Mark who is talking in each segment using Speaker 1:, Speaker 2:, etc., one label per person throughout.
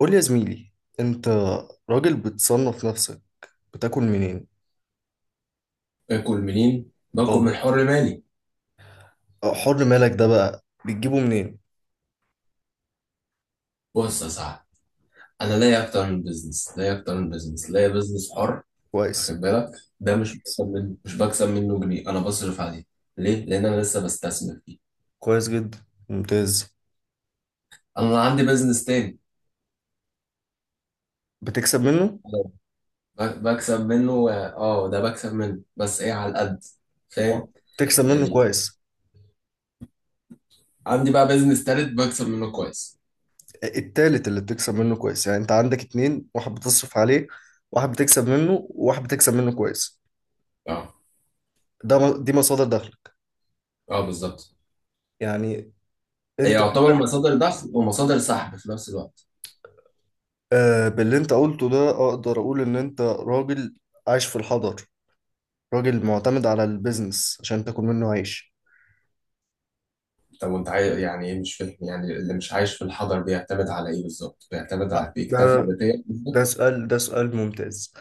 Speaker 1: قول لي يا زميلي، انت راجل بتصنف نفسك، بتاكل منين؟
Speaker 2: باكل منين؟ باكل من
Speaker 1: اه،
Speaker 2: حر مالي.
Speaker 1: حر مالك ده بقى بتجيبه منين؟
Speaker 2: بص يا صاحبي، انا لاقي اكتر من بزنس، لاقي بزنس حر. واخد
Speaker 1: كويس.
Speaker 2: بالك؟ ده مش بكسب منه جنيه، انا بصرف عليه. ليه؟ لان انا لسه بستثمر فيه.
Speaker 1: كويس جدا، ممتاز.
Speaker 2: انا عندي بزنس تاني.
Speaker 1: بتكسب منه؟
Speaker 2: أنا بكسب منه، اه، ده بكسب منه بس ايه، على القد.
Speaker 1: اه،
Speaker 2: فاهم
Speaker 1: بتكسب منه
Speaker 2: يعني؟
Speaker 1: كويس.
Speaker 2: عندي بقى بزنس تالت بكسب منه كويس.
Speaker 1: التالت اللي بتكسب منه كويس، يعني انت عندك اتنين، واحد بتصرف عليه، واحد بتكسب منه، وواحد بتكسب منه كويس.
Speaker 2: اه.
Speaker 1: دي مصادر دخلك.
Speaker 2: اه بالظبط.
Speaker 1: يعني
Speaker 2: هي
Speaker 1: انت
Speaker 2: يعتبر
Speaker 1: كده.
Speaker 2: مصادر دخل ومصادر سحب في نفس الوقت.
Speaker 1: آه، باللي انت قلته ده اقدر اقول ان انت راجل عايش في الحضر، راجل معتمد على البيزنس عشان تاكل منه عيش.
Speaker 2: طب وانت عايز يعني ايه؟ مش فاهم، يعني اللي مش عايش في الحضر بيعتمد على ايه بالظبط؟ بيعتمد على،
Speaker 1: آه، ده
Speaker 2: بيكتفي ذاتيا بالظبط؟
Speaker 1: ده سؤال ممتاز.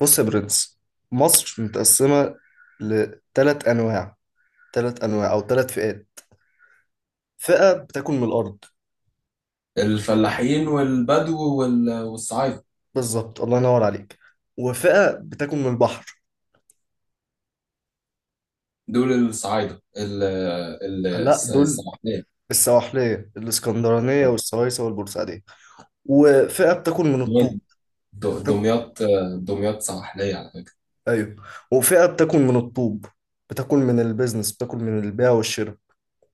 Speaker 1: بص يا برنس، مصر متقسمة لثلاث أنواع ثلاث أنواع أو ثلاث فئات. فئة بتاكل من الأرض.
Speaker 2: الفلاحين والبدو والصعايدة.
Speaker 1: بالظبط، الله ينور عليك. وفئة بتاكل من البحر.
Speaker 2: دول الصعايدة
Speaker 1: لا، دول
Speaker 2: السواحلية.
Speaker 1: السواحلية الإسكندرانية والسويسة والبورسعيدية. وفئة بتاكل من الطوب.
Speaker 2: دمياط.
Speaker 1: بتاكل...
Speaker 2: دمياط، دمياط سواحلية على فكرة.
Speaker 1: أيوه. وفئة بتاكل من الطوب، بتاكل من البيزنس، بتاكل من البيع والشراء.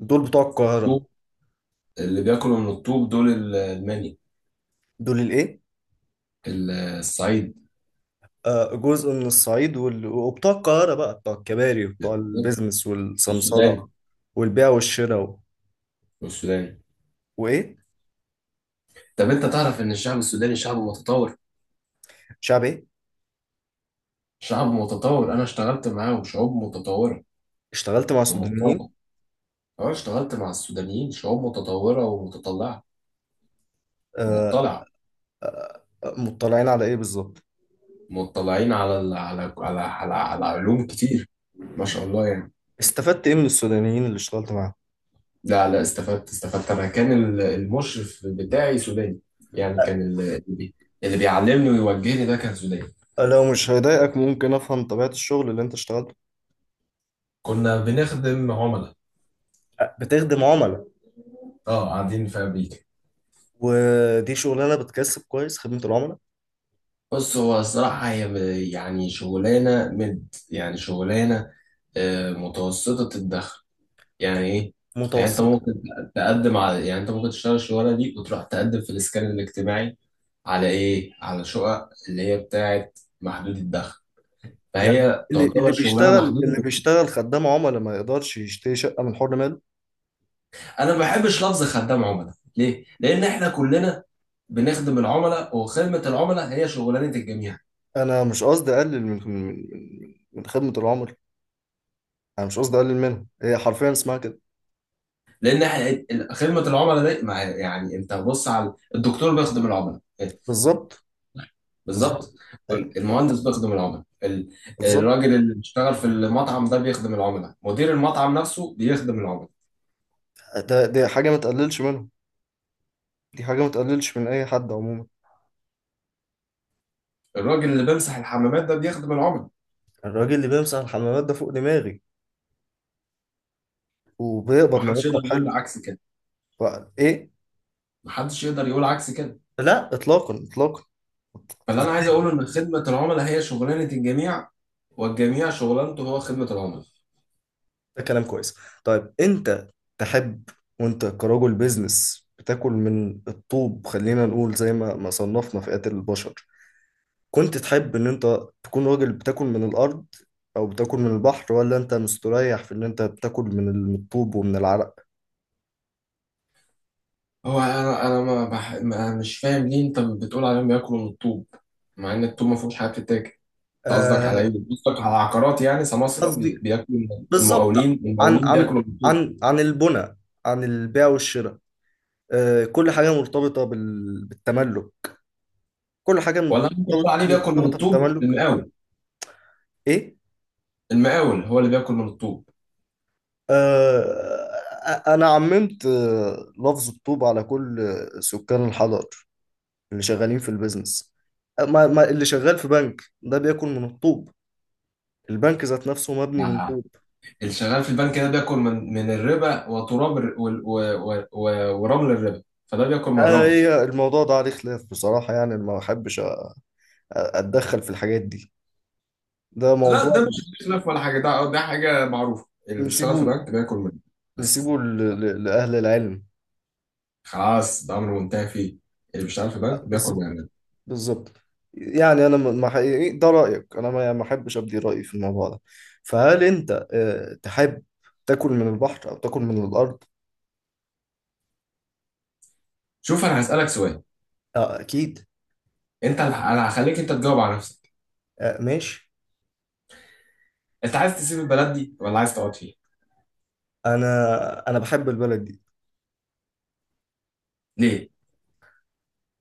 Speaker 1: دول بتوع القاهرة.
Speaker 2: الطوب، اللي بياكلوا من الطوب دول المني،
Speaker 1: دول الايه؟
Speaker 2: الصعيد.
Speaker 1: آه، جزء من الصعيد وبتوع القاهرة بقى بتوع الكباري وبتوع البيزنس والسمسرة
Speaker 2: السودان.
Speaker 1: والبيع والشراء
Speaker 2: السودان،
Speaker 1: وايه؟
Speaker 2: طب انت تعرف ان الشعب السوداني شعب متطور؟
Speaker 1: شعب ايه؟
Speaker 2: شعب متطور، انا اشتغلت معاه وشعوب متطورة
Speaker 1: اشتغلت مع
Speaker 2: ومتطورة.
Speaker 1: سودانيين؟
Speaker 2: أنا اشتغلت مع السودانيين شعوب متطورة ومتطلعة.
Speaker 1: آه،
Speaker 2: مطلعة.
Speaker 1: آه، آه، مطلعين على ايه بالظبط؟
Speaker 2: مطلعين على ال... على على على, على علوم كتير، ما شاء الله يعني.
Speaker 1: استفدت ايه من السودانيين اللي اشتغلت معاهم؟
Speaker 2: لا لا، استفدت، استفدت، أنا كان المشرف بتاعي سوداني، يعني كان اللي بيعلمني ويوجهني ده كان سوداني.
Speaker 1: آه، لو مش هيضايقك، ممكن افهم طبيعة الشغل اللي انت اشتغلته؟
Speaker 2: كنا بنخدم عملاء.
Speaker 1: آه، بتخدم عملاء.
Speaker 2: اه قاعدين في أمريكا.
Speaker 1: ودي شغلانة بتكسب كويس، خدمة العملاء؟
Speaker 2: بص، هو الصراحة هي شغلانة، آه، متوسطة الدخل. يعني ايه؟ يعني انت
Speaker 1: متوسطة؟
Speaker 2: ممكن تقدم على يعني انت ممكن تشتغل الشغلانه دي وتروح تقدم في الاسكان الاجتماعي، على ايه، على شقق اللي هي بتاعه محدود الدخل،
Speaker 1: يعني
Speaker 2: فهي
Speaker 1: اللي
Speaker 2: تعتبر
Speaker 1: اللي
Speaker 2: شغلانه
Speaker 1: بيشتغل اللي
Speaker 2: محدوده.
Speaker 1: بيشتغل خدام عملاء ما يقدرش يشتري شقة من حر ماله؟
Speaker 2: انا ما بحبش لفظ خدام عملاء. ليه؟ لان احنا كلنا بنخدم العملاء، وخدمه العملاء هي شغلانه الجميع.
Speaker 1: انا مش قصدي اقلل من خدمه العملاء، انا مش قصدي اقلل منهم، هي حرفيا اسمها كده.
Speaker 2: لان احنا خدمه العملاء دي انت بص على الدكتور بيخدم العملاء.
Speaker 1: بالظبط. بالظبط.
Speaker 2: بالظبط.
Speaker 1: ايوه.
Speaker 2: المهندس بيخدم العملاء،
Speaker 1: بالظبط.
Speaker 2: الراجل اللي بيشتغل في المطعم ده بيخدم العملاء، مدير المطعم نفسه بيخدم العملاء.
Speaker 1: دي حاجه ما تقللش منهم، دي حاجه ما تقللش من اي حد عموما.
Speaker 2: الراجل اللي بيمسح الحمامات ده بيخدم العملاء.
Speaker 1: الراجل اللي بيمسح الحمامات ده فوق دماغي، وبيقبض
Speaker 2: محدش يقدر
Speaker 1: مرتب حلو.
Speaker 2: يقول عكس كده.
Speaker 1: بقى ايه؟
Speaker 2: محدش يقدر يقول عكس كده.
Speaker 1: لا، اطلاقا اطلاقا.
Speaker 2: فاللي انا عايز اقوله ان خدمة العملاء هي شغلانة الجميع، والجميع شغلانته هو خدمة العملاء.
Speaker 1: ده كلام كويس. طيب، انت تحب، وانت كرجل بيزنس بتاكل من الطوب، خلينا نقول زي ما صنفنا فئات البشر، كنت تحب ان انت تكون راجل بتاكل من الارض او بتاكل من البحر، ولا انت مستريح في ان انت بتاكل من الطوب ومن العرق؟
Speaker 2: هو انا ما, بح... ما مش فاهم ليه انت بتقول عليهم بياكلوا من الطوب، مع ان الطوب ما فيهوش حاجه بتتاكل. انت قصدك على
Speaker 1: آه،
Speaker 2: ايه؟ قصدك على عقارات، يعني سماسرة
Speaker 1: قصدي
Speaker 2: بياكلوا من المقاولين،
Speaker 1: بالظبط عن
Speaker 2: المقاولين
Speaker 1: عن
Speaker 2: بياكلوا من الطوب؟
Speaker 1: عن عن البنى، عن البيع والشراء. آه، كل حاجة مرتبطة بالتملك، كل حاجة
Speaker 2: ولا انت بتقول
Speaker 1: مرتبطة
Speaker 2: عليه بياكل من
Speaker 1: مرتبطة
Speaker 2: الطوب
Speaker 1: بالتملك.
Speaker 2: المقاول؟
Speaker 1: ايه؟
Speaker 2: المقاول هو اللي بياكل من الطوب.
Speaker 1: آه، انا عممت لفظ الطوب على كل سكان الحضر اللي شغالين في البيزنس. ما اللي شغال في بنك ده بياكل من الطوب. البنك ذات نفسه مبني من
Speaker 2: آه.
Speaker 1: طوب.
Speaker 2: الشغال في البنك ده بياكل من الربا، وتراب ورمل الربا، فده بياكل من
Speaker 1: آه،
Speaker 2: الرمل.
Speaker 1: هي الموضوع ده عليه خلاف بصراحة، يعني ما بحبش أتدخل في الحاجات دي. ده
Speaker 2: لا
Speaker 1: موضوع.
Speaker 2: ده مش خلاف ولا حاجه، ده ده حاجه معروفه، اللي بيشتغل في
Speaker 1: نسيبه
Speaker 2: بنك بياكل منه بس.
Speaker 1: نسيبه لأهل العلم.
Speaker 2: خلاص، ده امر منتهي فيه. اللي بيشتغل في
Speaker 1: أه،
Speaker 2: بنك بياكل من
Speaker 1: بالظبط.
Speaker 2: عندنا.
Speaker 1: بالظبط. يعني أنا ما حقيقي ده رأيك، أنا ما يعني ما أحبش أبدي رأيي في الموضوع ده. فهل أنت تحب تاكل من البحر أو تاكل من الأرض؟
Speaker 2: شوف، انا هسالك سؤال.
Speaker 1: آه، أكيد.
Speaker 2: انت، انا هخليك انت تجاوب على نفسك.
Speaker 1: آه، ماشي.
Speaker 2: انت عايز تسيب البلد دي ولا عايز تقعد فيها؟
Speaker 1: أنا بحب البلد دي.
Speaker 2: ليه؟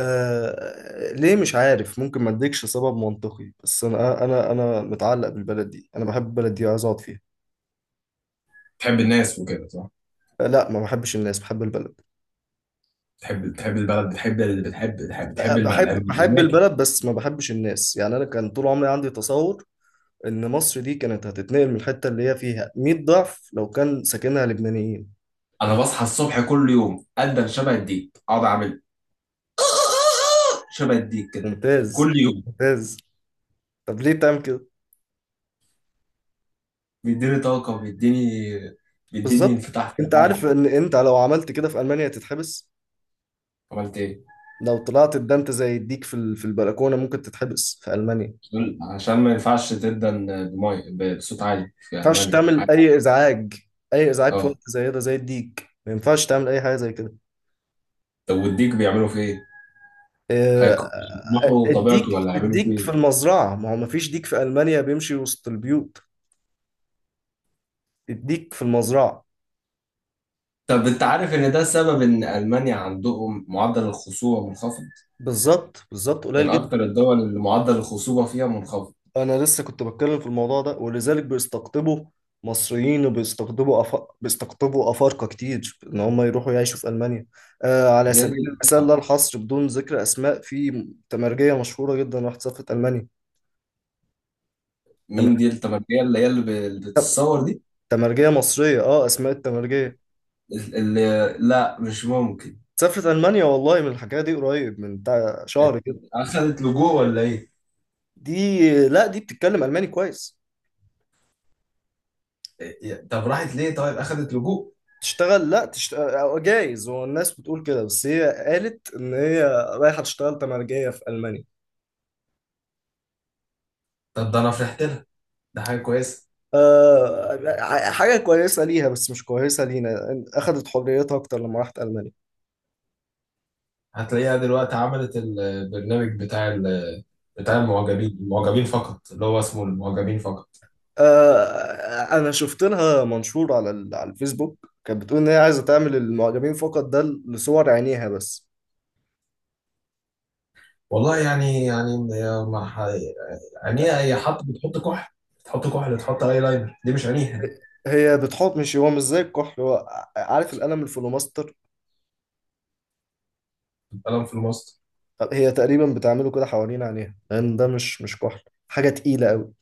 Speaker 1: آه، ليه مش عارف، ممكن ما اديكش سبب منطقي، بس انا متعلق بالبلد دي، انا بحب البلد دي، عايز اقعد فيها.
Speaker 2: تحب الناس وكده، صح؟
Speaker 1: آه، لا، ما بحبش الناس، بحب البلد.
Speaker 2: تحب، تحب البلد، بتحب اللي بتحب، بتحب،
Speaker 1: آه،
Speaker 2: تحب
Speaker 1: بحب
Speaker 2: الاماكن.
Speaker 1: البلد، بس ما بحبش الناس، يعني انا كان طول عمري عندي تصور ان مصر دي كانت هتتنقل من الحته اللي هي فيها 100 ضعف لو كان ساكنها لبنانيين.
Speaker 2: انا بصحى الصبح كل يوم ادن شبه الديك، اقعد اعمل شبه الديك كده،
Speaker 1: ممتاز،
Speaker 2: كل يوم.
Speaker 1: ممتاز. طب ليه بتعمل كده؟
Speaker 2: بيديني طاقه، بيديني، بيديني
Speaker 1: بالظبط.
Speaker 2: انفتاح في
Speaker 1: انت عارف
Speaker 2: العالم.
Speaker 1: ان انت لو عملت كده في المانيا تتحبس؟
Speaker 2: عملت ايه؟
Speaker 1: لو طلعت اتدنت زي الديك في البلكونه، ممكن تتحبس في المانيا.
Speaker 2: عشان ما ينفعش تدن بمي، بصوت عالي في
Speaker 1: ينفعش
Speaker 2: المانيا.
Speaker 1: تعمل اي ازعاج، اي ازعاج في وقت
Speaker 2: اه.
Speaker 1: زي ده، زي الديك ما ينفعش تعمل اي حاجه زي كده.
Speaker 2: طب والديك بيعملوا فيه ايه؟
Speaker 1: آه، آه،
Speaker 2: هيقمحوا
Speaker 1: الديك
Speaker 2: طبيعته ولا هيعملوا فيه
Speaker 1: الديك في
Speaker 2: ايه؟
Speaker 1: المزرعه، ما هو ما فيش ديك في المانيا بيمشي وسط البيوت. الديك في المزرعه.
Speaker 2: طب انت عارف ان ده سبب ان المانيا عندهم معدل الخصوبه منخفض؟
Speaker 1: بالظبط، بالظبط،
Speaker 2: من
Speaker 1: قليل جدا.
Speaker 2: اكتر الدول اللي معدل الخصوبه فيها منخفض.
Speaker 1: انا لسه كنت بتكلم في الموضوع ده، ولذلك بيستقطبوا مصريين، بيستقطبوا افارقه كتير ان هم يروحوا يعيشوا في المانيا. آه، على سبيل
Speaker 2: يعني
Speaker 1: المثال لا
Speaker 2: آه.
Speaker 1: الحصر، بدون ذكر اسماء، في تمرجيه مشهوره جدا راحت سافرت المانيا. تمام،
Speaker 2: مين دي التمكيه اللي هي اللي بتتصور دي؟
Speaker 1: تمرجية مصرية، اه، اسماء التمرجية،
Speaker 2: اللي، لا مش ممكن.
Speaker 1: سافرت ألمانيا، والله من الحكاية دي قريب من بتاع شهر كده.
Speaker 2: اخذت لجوء ولا ايه؟
Speaker 1: دي، لا، دي بتتكلم ألماني كويس.
Speaker 2: طب راحت ليه؟ طيب اخذت لجوء؟
Speaker 1: تشتغل، لا تشتغل جايز، هو الناس بتقول كده، بس هي قالت إن هي رايحة تشتغل تمرجية في ألمانيا.
Speaker 2: طب ده انا فرحت لها، ده حاجه كويسه.
Speaker 1: آه، حاجة كويسة ليها بس مش كويسة لينا، أخدت حريتها أكتر لما راحت ألمانيا.
Speaker 2: هتلاقيها دلوقتي عملت البرنامج بتاع بتاع
Speaker 1: آه،
Speaker 2: المعجبين فقط، اللي هو اسمه المعجبين فقط.
Speaker 1: آه، أنا شفت لها منشور على الفيسبوك، كانت بتقول إن هي عايزة تعمل المعجبين فقط ده لصور عينيها بس.
Speaker 2: والله يعني، يعني هي بتحط كحل، بتحط كحل، تحط اي لاينر، دي مش عينيها.
Speaker 1: هي بتحط، مش هو مش زي الكحل، هو عارف القلم الفلوماستر.
Speaker 2: دي القلم في الماست.
Speaker 1: هي تقريبا بتعمله كده حوالين عينيها، لان ده مش كحل، حاجه تقيله قوي.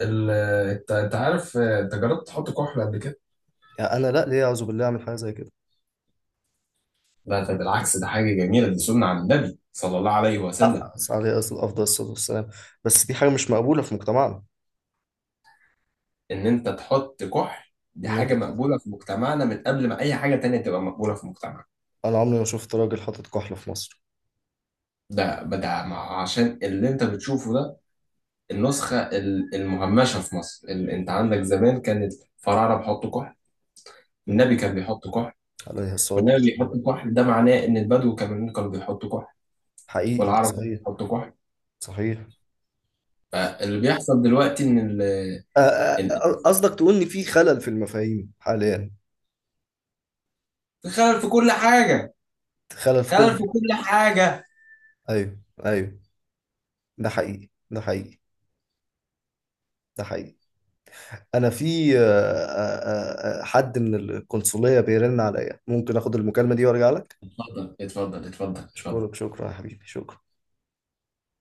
Speaker 2: ال- انت انت عارف انت جربت تحط كحل قبل كده؟
Speaker 1: يعني انا لا، ليه اعوذ بالله اعمل حاجه زي كده؟
Speaker 2: لا ده بالعكس، ده حاجة جميلة، دي سنة عن النبي صلى الله عليه وسلم.
Speaker 1: أقعد عليه اصل افضل الصلاه والسلام، بس دي حاجه مش مقبوله في مجتمعنا
Speaker 2: ان انت تحط كحل دي
Speaker 1: ان
Speaker 2: حاجة
Speaker 1: انت.
Speaker 2: مقبولة في مجتمعنا من قبل ما اي حاجة تانية تبقى مقبولة في مجتمعنا.
Speaker 1: انا عمري ما شفت راجل حاطط كحل في مصر.
Speaker 2: عشان اللي انت بتشوفه ده النسخة المهمشة في مصر. انت عندك زمان كانت فراعنة بيحطوا كحل.
Speaker 1: م.
Speaker 2: النبي كان بيحط كحل.
Speaker 1: عليه الصلاه
Speaker 2: والنبي بيحط
Speaker 1: والسلام.
Speaker 2: كحل ده معناه ان البدو كمان كانوا بيحطوا كحل.
Speaker 1: حقيقي ده
Speaker 2: والعرب كانوا
Speaker 1: صحيح،
Speaker 2: بيحطوا كحل.
Speaker 1: صحيح.
Speaker 2: فاللي بيحصل دلوقتي ان ال-
Speaker 1: قصدك تقول ان في خلل في المفاهيم حاليا؟
Speaker 2: خلل في كل حاجة،
Speaker 1: خلل في كل
Speaker 2: خلل في
Speaker 1: حاجه.
Speaker 2: كل حاجة.
Speaker 1: ايوه، ايوه، ده حقيقي، ده حقيقي، ده حقيقي. انا في حد من القنصليه بيرن عليا، ممكن اخد المكالمه دي وارجع لك؟
Speaker 2: اتفضل اتفضل اتفضل اتفضل.
Speaker 1: اشكرك، شكرا يا حبيبي، شكرا.